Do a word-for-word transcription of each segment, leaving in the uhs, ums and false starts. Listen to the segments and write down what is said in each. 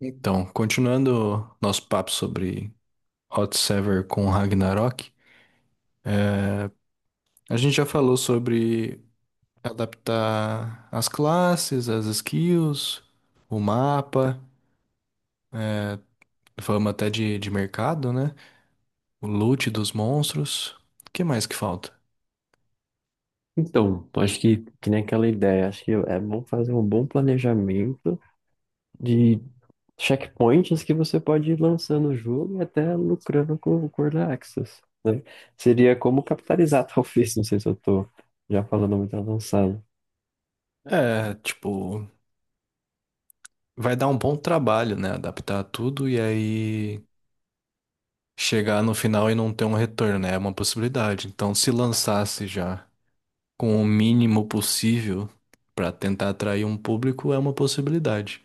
Então, continuando nosso papo sobre Hot Sever com Ragnarok, é, a gente já falou sobre adaptar as classes, as skills, o mapa, é, falamos até de, de mercado, né? O loot dos monstros. O que mais que falta? Então, acho que, que nem aquela ideia, acho que é bom fazer um bom planejamento de checkpoints que você pode ir lançando o jogo e até lucrando com o Early Access, né? Seria como capitalizar, talvez, não sei se eu tô já falando muito avançado. É, tipo, vai dar um bom trabalho, né? Adaptar tudo e aí chegar no final e não ter um retorno, né? É uma possibilidade. Então, se lançasse já, com o mínimo possível pra tentar atrair um público é uma possibilidade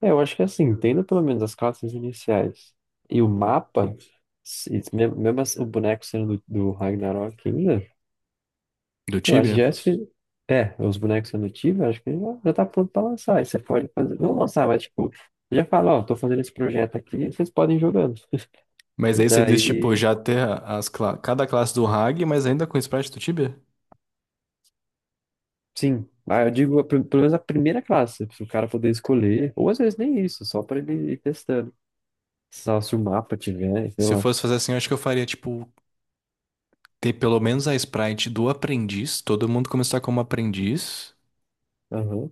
É, eu acho que é assim, tendo pelo menos as classes iniciais e o mapa, se- mesmo, mesmo assim, o boneco sendo do, do Ragnarok ainda. do Eu acho que Tibia. já é, sufi- é, os bonecos adotivos, eu acho que já, já tá pronto pra lançar. Aí você pode fazer, não lançar, mas tipo, já fala, ó, tô fazendo esse projeto aqui, vocês podem ir jogando. Mas E aí você diz, tipo, daí, já ter as cla- cada classe do Hag, mas ainda com o sprite do Tibia? sim, ah, eu digo a prim- pelo menos a primeira classe, se o cara poder escolher, ou às vezes nem isso, só pra ele ir testando. Só se o mapa tiver, sei Se eu lá. fosse fazer assim, eu acho que eu faria, tipo, ter pelo menos a sprite do aprendiz, todo mundo começar como aprendiz. Aham.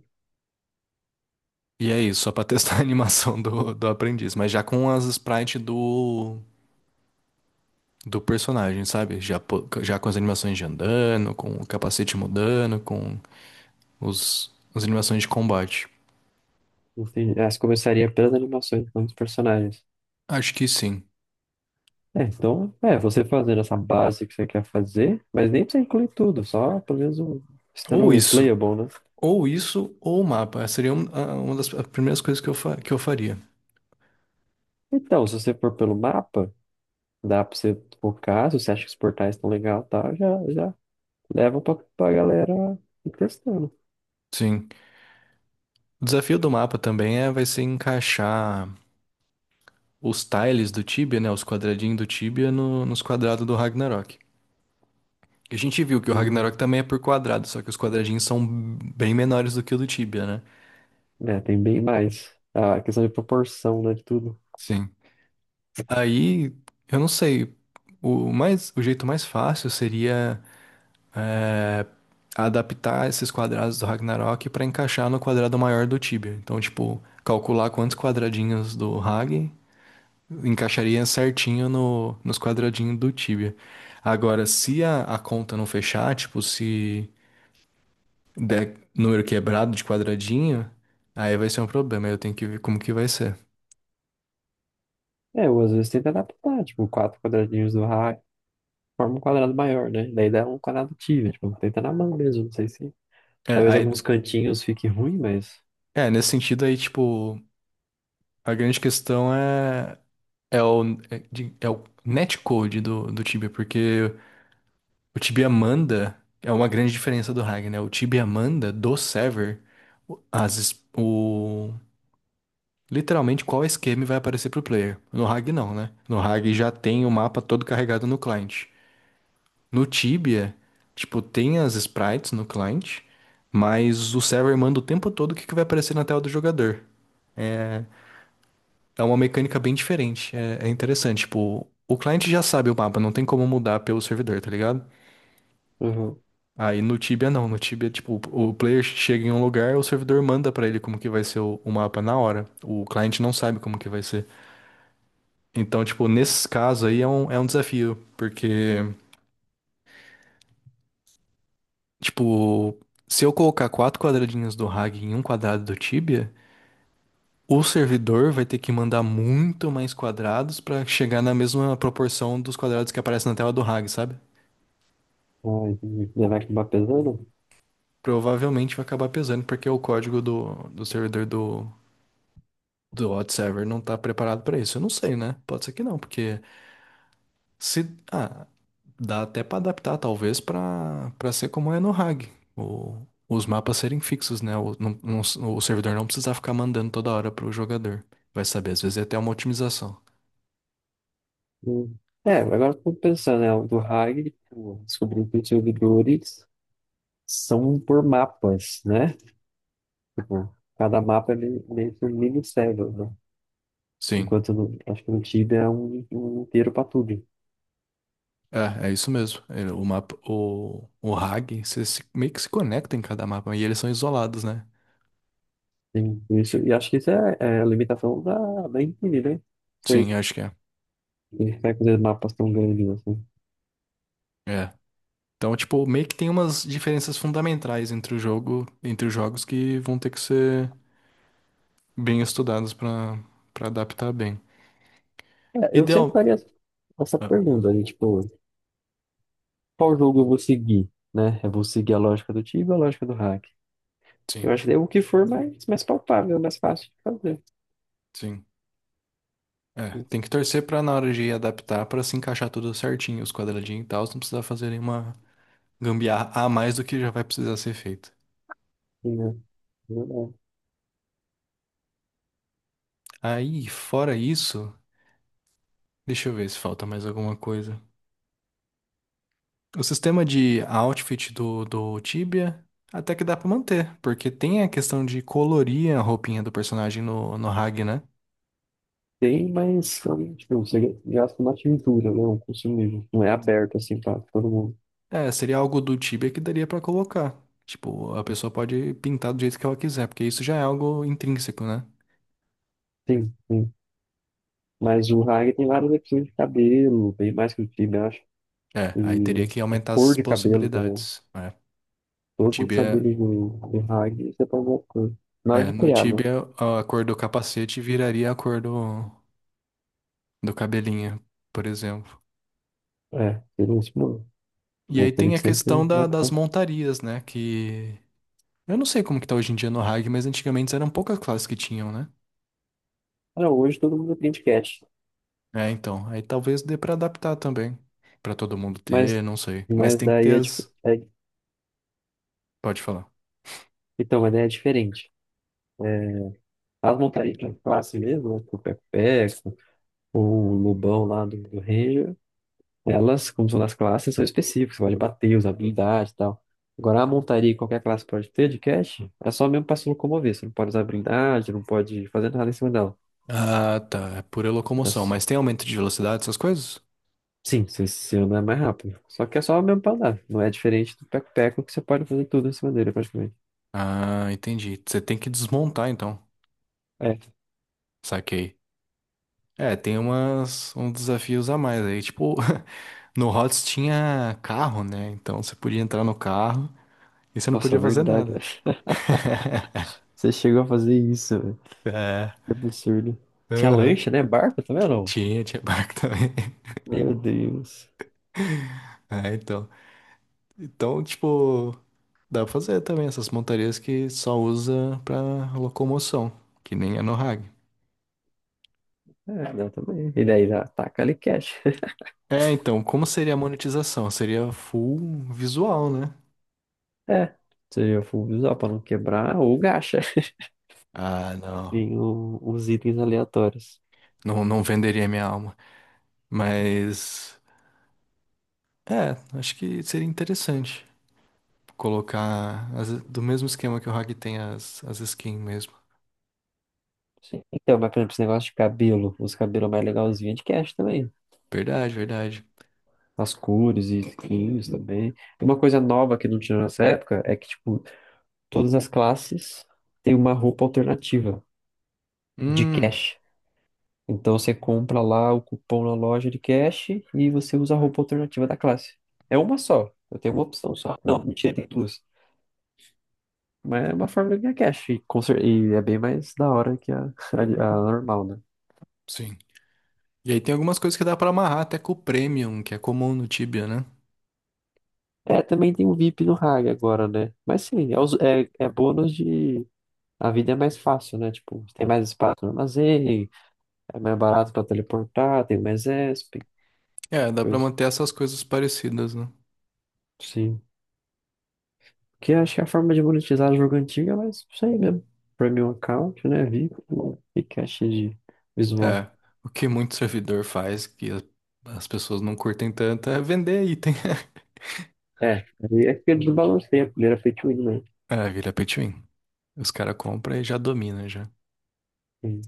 E é isso, só pra testar a animação do, do aprendiz. Mas já com as sprites do, do personagem, sabe? Já, po- já com as animações de andando, com o capacete mudando, com os, as animações de combate. Entendi. Ah, você começaria pelas animações, não os personagens. Acho que sim. É, então, é, você fazendo essa base que você quer fazer, mas nem precisa incluir tudo, só pelo menos um, Ou estando isso, playable, né? ou isso, ou o mapa. Seria um- a- uma das primeiras coisas que eu, fa- que eu faria. Então, se você for pelo mapa, dá pra você focar, se você acha que os portais estão legal, e tal, já, já leva pra, pra galera ir testando. Sim. O desafio do mapa também é, vai ser encaixar os tiles do Tibia, né? Os quadradinhos do Tibia no- nos quadrados do Ragnarok. A gente viu que o E, Ragnarok também é por quadrado, só que os quadradinhos são bem menores do que o do Tibia, né? né, tem bem mais. A questão de proporção, né, de tudo. Sim. Aí, eu não sei. O mais, o jeito mais fácil seria é, adaptar esses quadrados do Ragnarok para encaixar no quadrado maior do Tibia. Então, tipo, calcular quantos quadradinhos do Rag encaixaria certinho no, nos quadradinhos do Tibia. Agora, se a, a conta não fechar, tipo, se der número quebrado de quadradinho, aí vai ser um problema. Aí Eu tenho que ver como que vai ser. É, eu às vezes tento adaptar, tipo, quatro quadradinhos do raio, forma um quadrado maior, né? Daí dá um quadrado tive, tipo, tenta na mão mesmo, não sei se. É, Talvez aí- alguns cantinhos fique ruim, mas. É, nesse sentido aí, tipo, a grande questão é, é o, é, de- é o netcode do, do Tibia, porque O Tibia manda é uma grande diferença do Ragnar, né? O Tibia manda do server o- as es- o literalmente qual esquema vai aparecer pro player. No Rag não, né? No Rag já tem o mapa todo carregado no client. No Tibia, tipo, tem as sprites no client, mas o server manda o tempo todo o que que vai aparecer na tela do jogador. É uma mecânica bem diferente, é, é interessante, tipo, o cliente já sabe o mapa, não tem como mudar pelo servidor, tá ligado? Uhum. Aí no Tibia não, no Tibia, tipo, o o player chega em um lugar, o servidor manda pra ele como que vai ser o, o mapa na hora. O cliente não sabe como que vai ser. Então, tipo, nesses casos aí é um, é um desafio, porque, tipo, se eu colocar quatro quadradinhos do Rag em um quadrado do Tibia, o servidor vai ter que mandar muito mais quadrados pra chegar na mesma proporção dos quadrados que aparecem na tela do Rag, sabe? Ai, levar que vai acabar pesando. Provavelmente vai acabar pesando, porque é o código do, do servidor do do hot server não tá preparado pra isso. Eu não sei, né? Pode ser que não, porque se ah, dá até pra adaptar talvez pra para ser como é no hague, o- os mapas serem fixos, né? O, não- não- o servidor não precisar ficar mandando toda hora pro jogador. Vai saber, às vezes é até uma otimização. Hum. É, agora eu tô pensando, né, o do Hag, tipo, descobri que tinha o do Doric, são por mapas, né? Tipo, cada mapa é meio meio que um mini-cérebro, né? Sim. Enquanto no, acho que no Tibia é um, um inteiro para tudo. É, é isso mesmo. Ele- O mapa, o, o hague, você se- meio que se conecta em cada mapa e eles são isolados, né? Tem isso, e acho que isso é, é a limitação da, da Infinity, né? Foi, Sim, acho que é. vai fazer mapas tão grandes assim. É. Então, tipo, meio que tem umas diferenças fundamentais entre o jogo, entre os jogos que vão ter que ser bem estudados pra para adaptar bem. É, eu sempre Ideal. faria essa Ah, pergunta, né? Tipo, qual jogo eu vou seguir, né? Eu vou seguir a lógica do Tibia ou a lógica do hack? Eu sim, acho que é o que for mais, mais palpável, mais fácil de fazer. sim. É, tem que torcer pra na hora de adaptar pra se encaixar tudo certinho, os quadradinhos e tal, não precisar fazer nenhuma gambiarra a mais do que já vai precisar ser feito. Sim, né? Aí, fora isso, deixa eu ver se falta mais alguma coisa. O sistema de outfit do, do Tibia até que dá pra manter, porque tem a questão de colorir a roupinha do personagem no, no Hag, né? Tem, mas também, tipo, você gasta uma tintura, né? Um consumível. Não é aberto assim pra todo mundo. É, seria algo do Tibia que daria pra colocar. Tipo, a pessoa pode pintar do jeito que ela quiser, porque isso já é algo intrínseco, né? Sim, sim. Mas o Hag tem várias opções de cabelo, bem mais que o time, eu acho. É, E aí teria que de aumentar cor as de cabelo também. possibilidades. É. O Todos os Tibia, cabelos do, do Hag você pode mudar de cor. Na hora é, de no criar, né? Tibia a cor do capacete viraria a cor do, do cabelinho, por exemplo. É, seria isso, mano. E Vou aí ter tem que a questão sempre da- das optar. montarias, né? Que eu não sei como que tá hoje em dia no hague, mas antigamente eram poucas classes que tinham, né? Ah, hoje todo mundo tem de cat. É, então. Aí talvez dê pra adaptar também. Pra todo mundo ter, Mas, não sei. Mas mas tem que ter daí é, dif- as. é. Pode falar. Então, mas daí é diferente. As montarias pra classe mesmo, né? Tipo, Peco-Peco. O Lobão lá do, do Ranger, elas, como são das classes, são específicas, você pode bater, usar habilidade e tal. Agora, a montaria que qualquer classe pode ter de cash é só mesmo para se locomover. Você não pode usar habilidade, não pode fazer nada em cima dela. Ah, tá. É pura É locomoção. s- Mas tem aumento de velocidade, essas coisas? sim, você, você anda mais rápido. Só que é só mesmo para andar. Não é diferente do Peco-Peco que você pode fazer tudo em cima dele, praticamente. Ah, entendi. Você tem que desmontar, então. É, Saquei. É, tem umas, uns desafios a mais aí. Tipo, no rótis tinha carro, né? Então você podia entrar no carro e você não nossa, podia fazer verdade, nada. velho. Você chegou a fazer isso, velho. É. Que absurdo. Tinha Aham. lancha, né? Barco também ou não? Tinha, tinha barco também. Meu Deus. É, então. Então, tipo, dá pra fazer também essas montarias que só usa pra locomoção, que nem a Nohag. É, não, também. E daí ataca ali cash. É, então, como seria a monetização? Seria full visual, né? É, seria full usar pra não quebrar ou gacha. Ah, não. Tem o- os itens aleatórios. Não, não venderia minha alma. Mas, é, acho que seria interessante colocar as- do mesmo esquema que o Hag tem as, as skins mesmo. Sim. Então, mas por exemplo, esse negócio de cabelo, os cabelos mais legalzinhos é de cash também. Verdade, verdade. As cores e skins também. E uma coisa nova que não tinha nessa época é que, tipo, todas as classes têm uma roupa alternativa de Hum, cash. Então você compra lá o cupom na loja de cash e você usa a roupa alternativa da classe. É uma só. Eu tenho uma opção só. Não, mentira, tem duas. Mas é uma forma de ganhar cash. E, com cer- e é bem mais da hora que a, a, a normal, né? sim. E aí tem algumas coisas que dá pra amarrar até com o Premium, que é comum no Tibia, né? É, também tem o V I P no Hag agora, né? Mas sim, é, os- é, é bônus de. A vida é mais fácil, né? Tipo, tem mais espaço no armazém, é mais barato pra teleportar, tem mais E S P, É, dá pra coisa. manter essas coisas parecidas, né? Sim. Que eu acho que é a forma de monetizar jogo antigo é mais isso aí mesmo. Premium account, né? V I P e cash de visual. É, o que muito servidor faz, que as as pessoas não curtem tanto, é vender item. É, aí é que ele desbalanceia, porque ele era feito win, né? É, vira pay to win. Os caras compram e já domina já. Sim.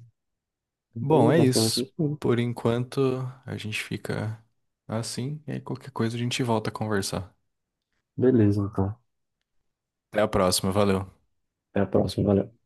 Bom, É é basicamente isso. isso mesmo. Por enquanto, a gente fica assim, e aí qualquer coisa a gente volta a conversar. Beleza, então. Até a próxima, valeu. Até a próxima, valeu.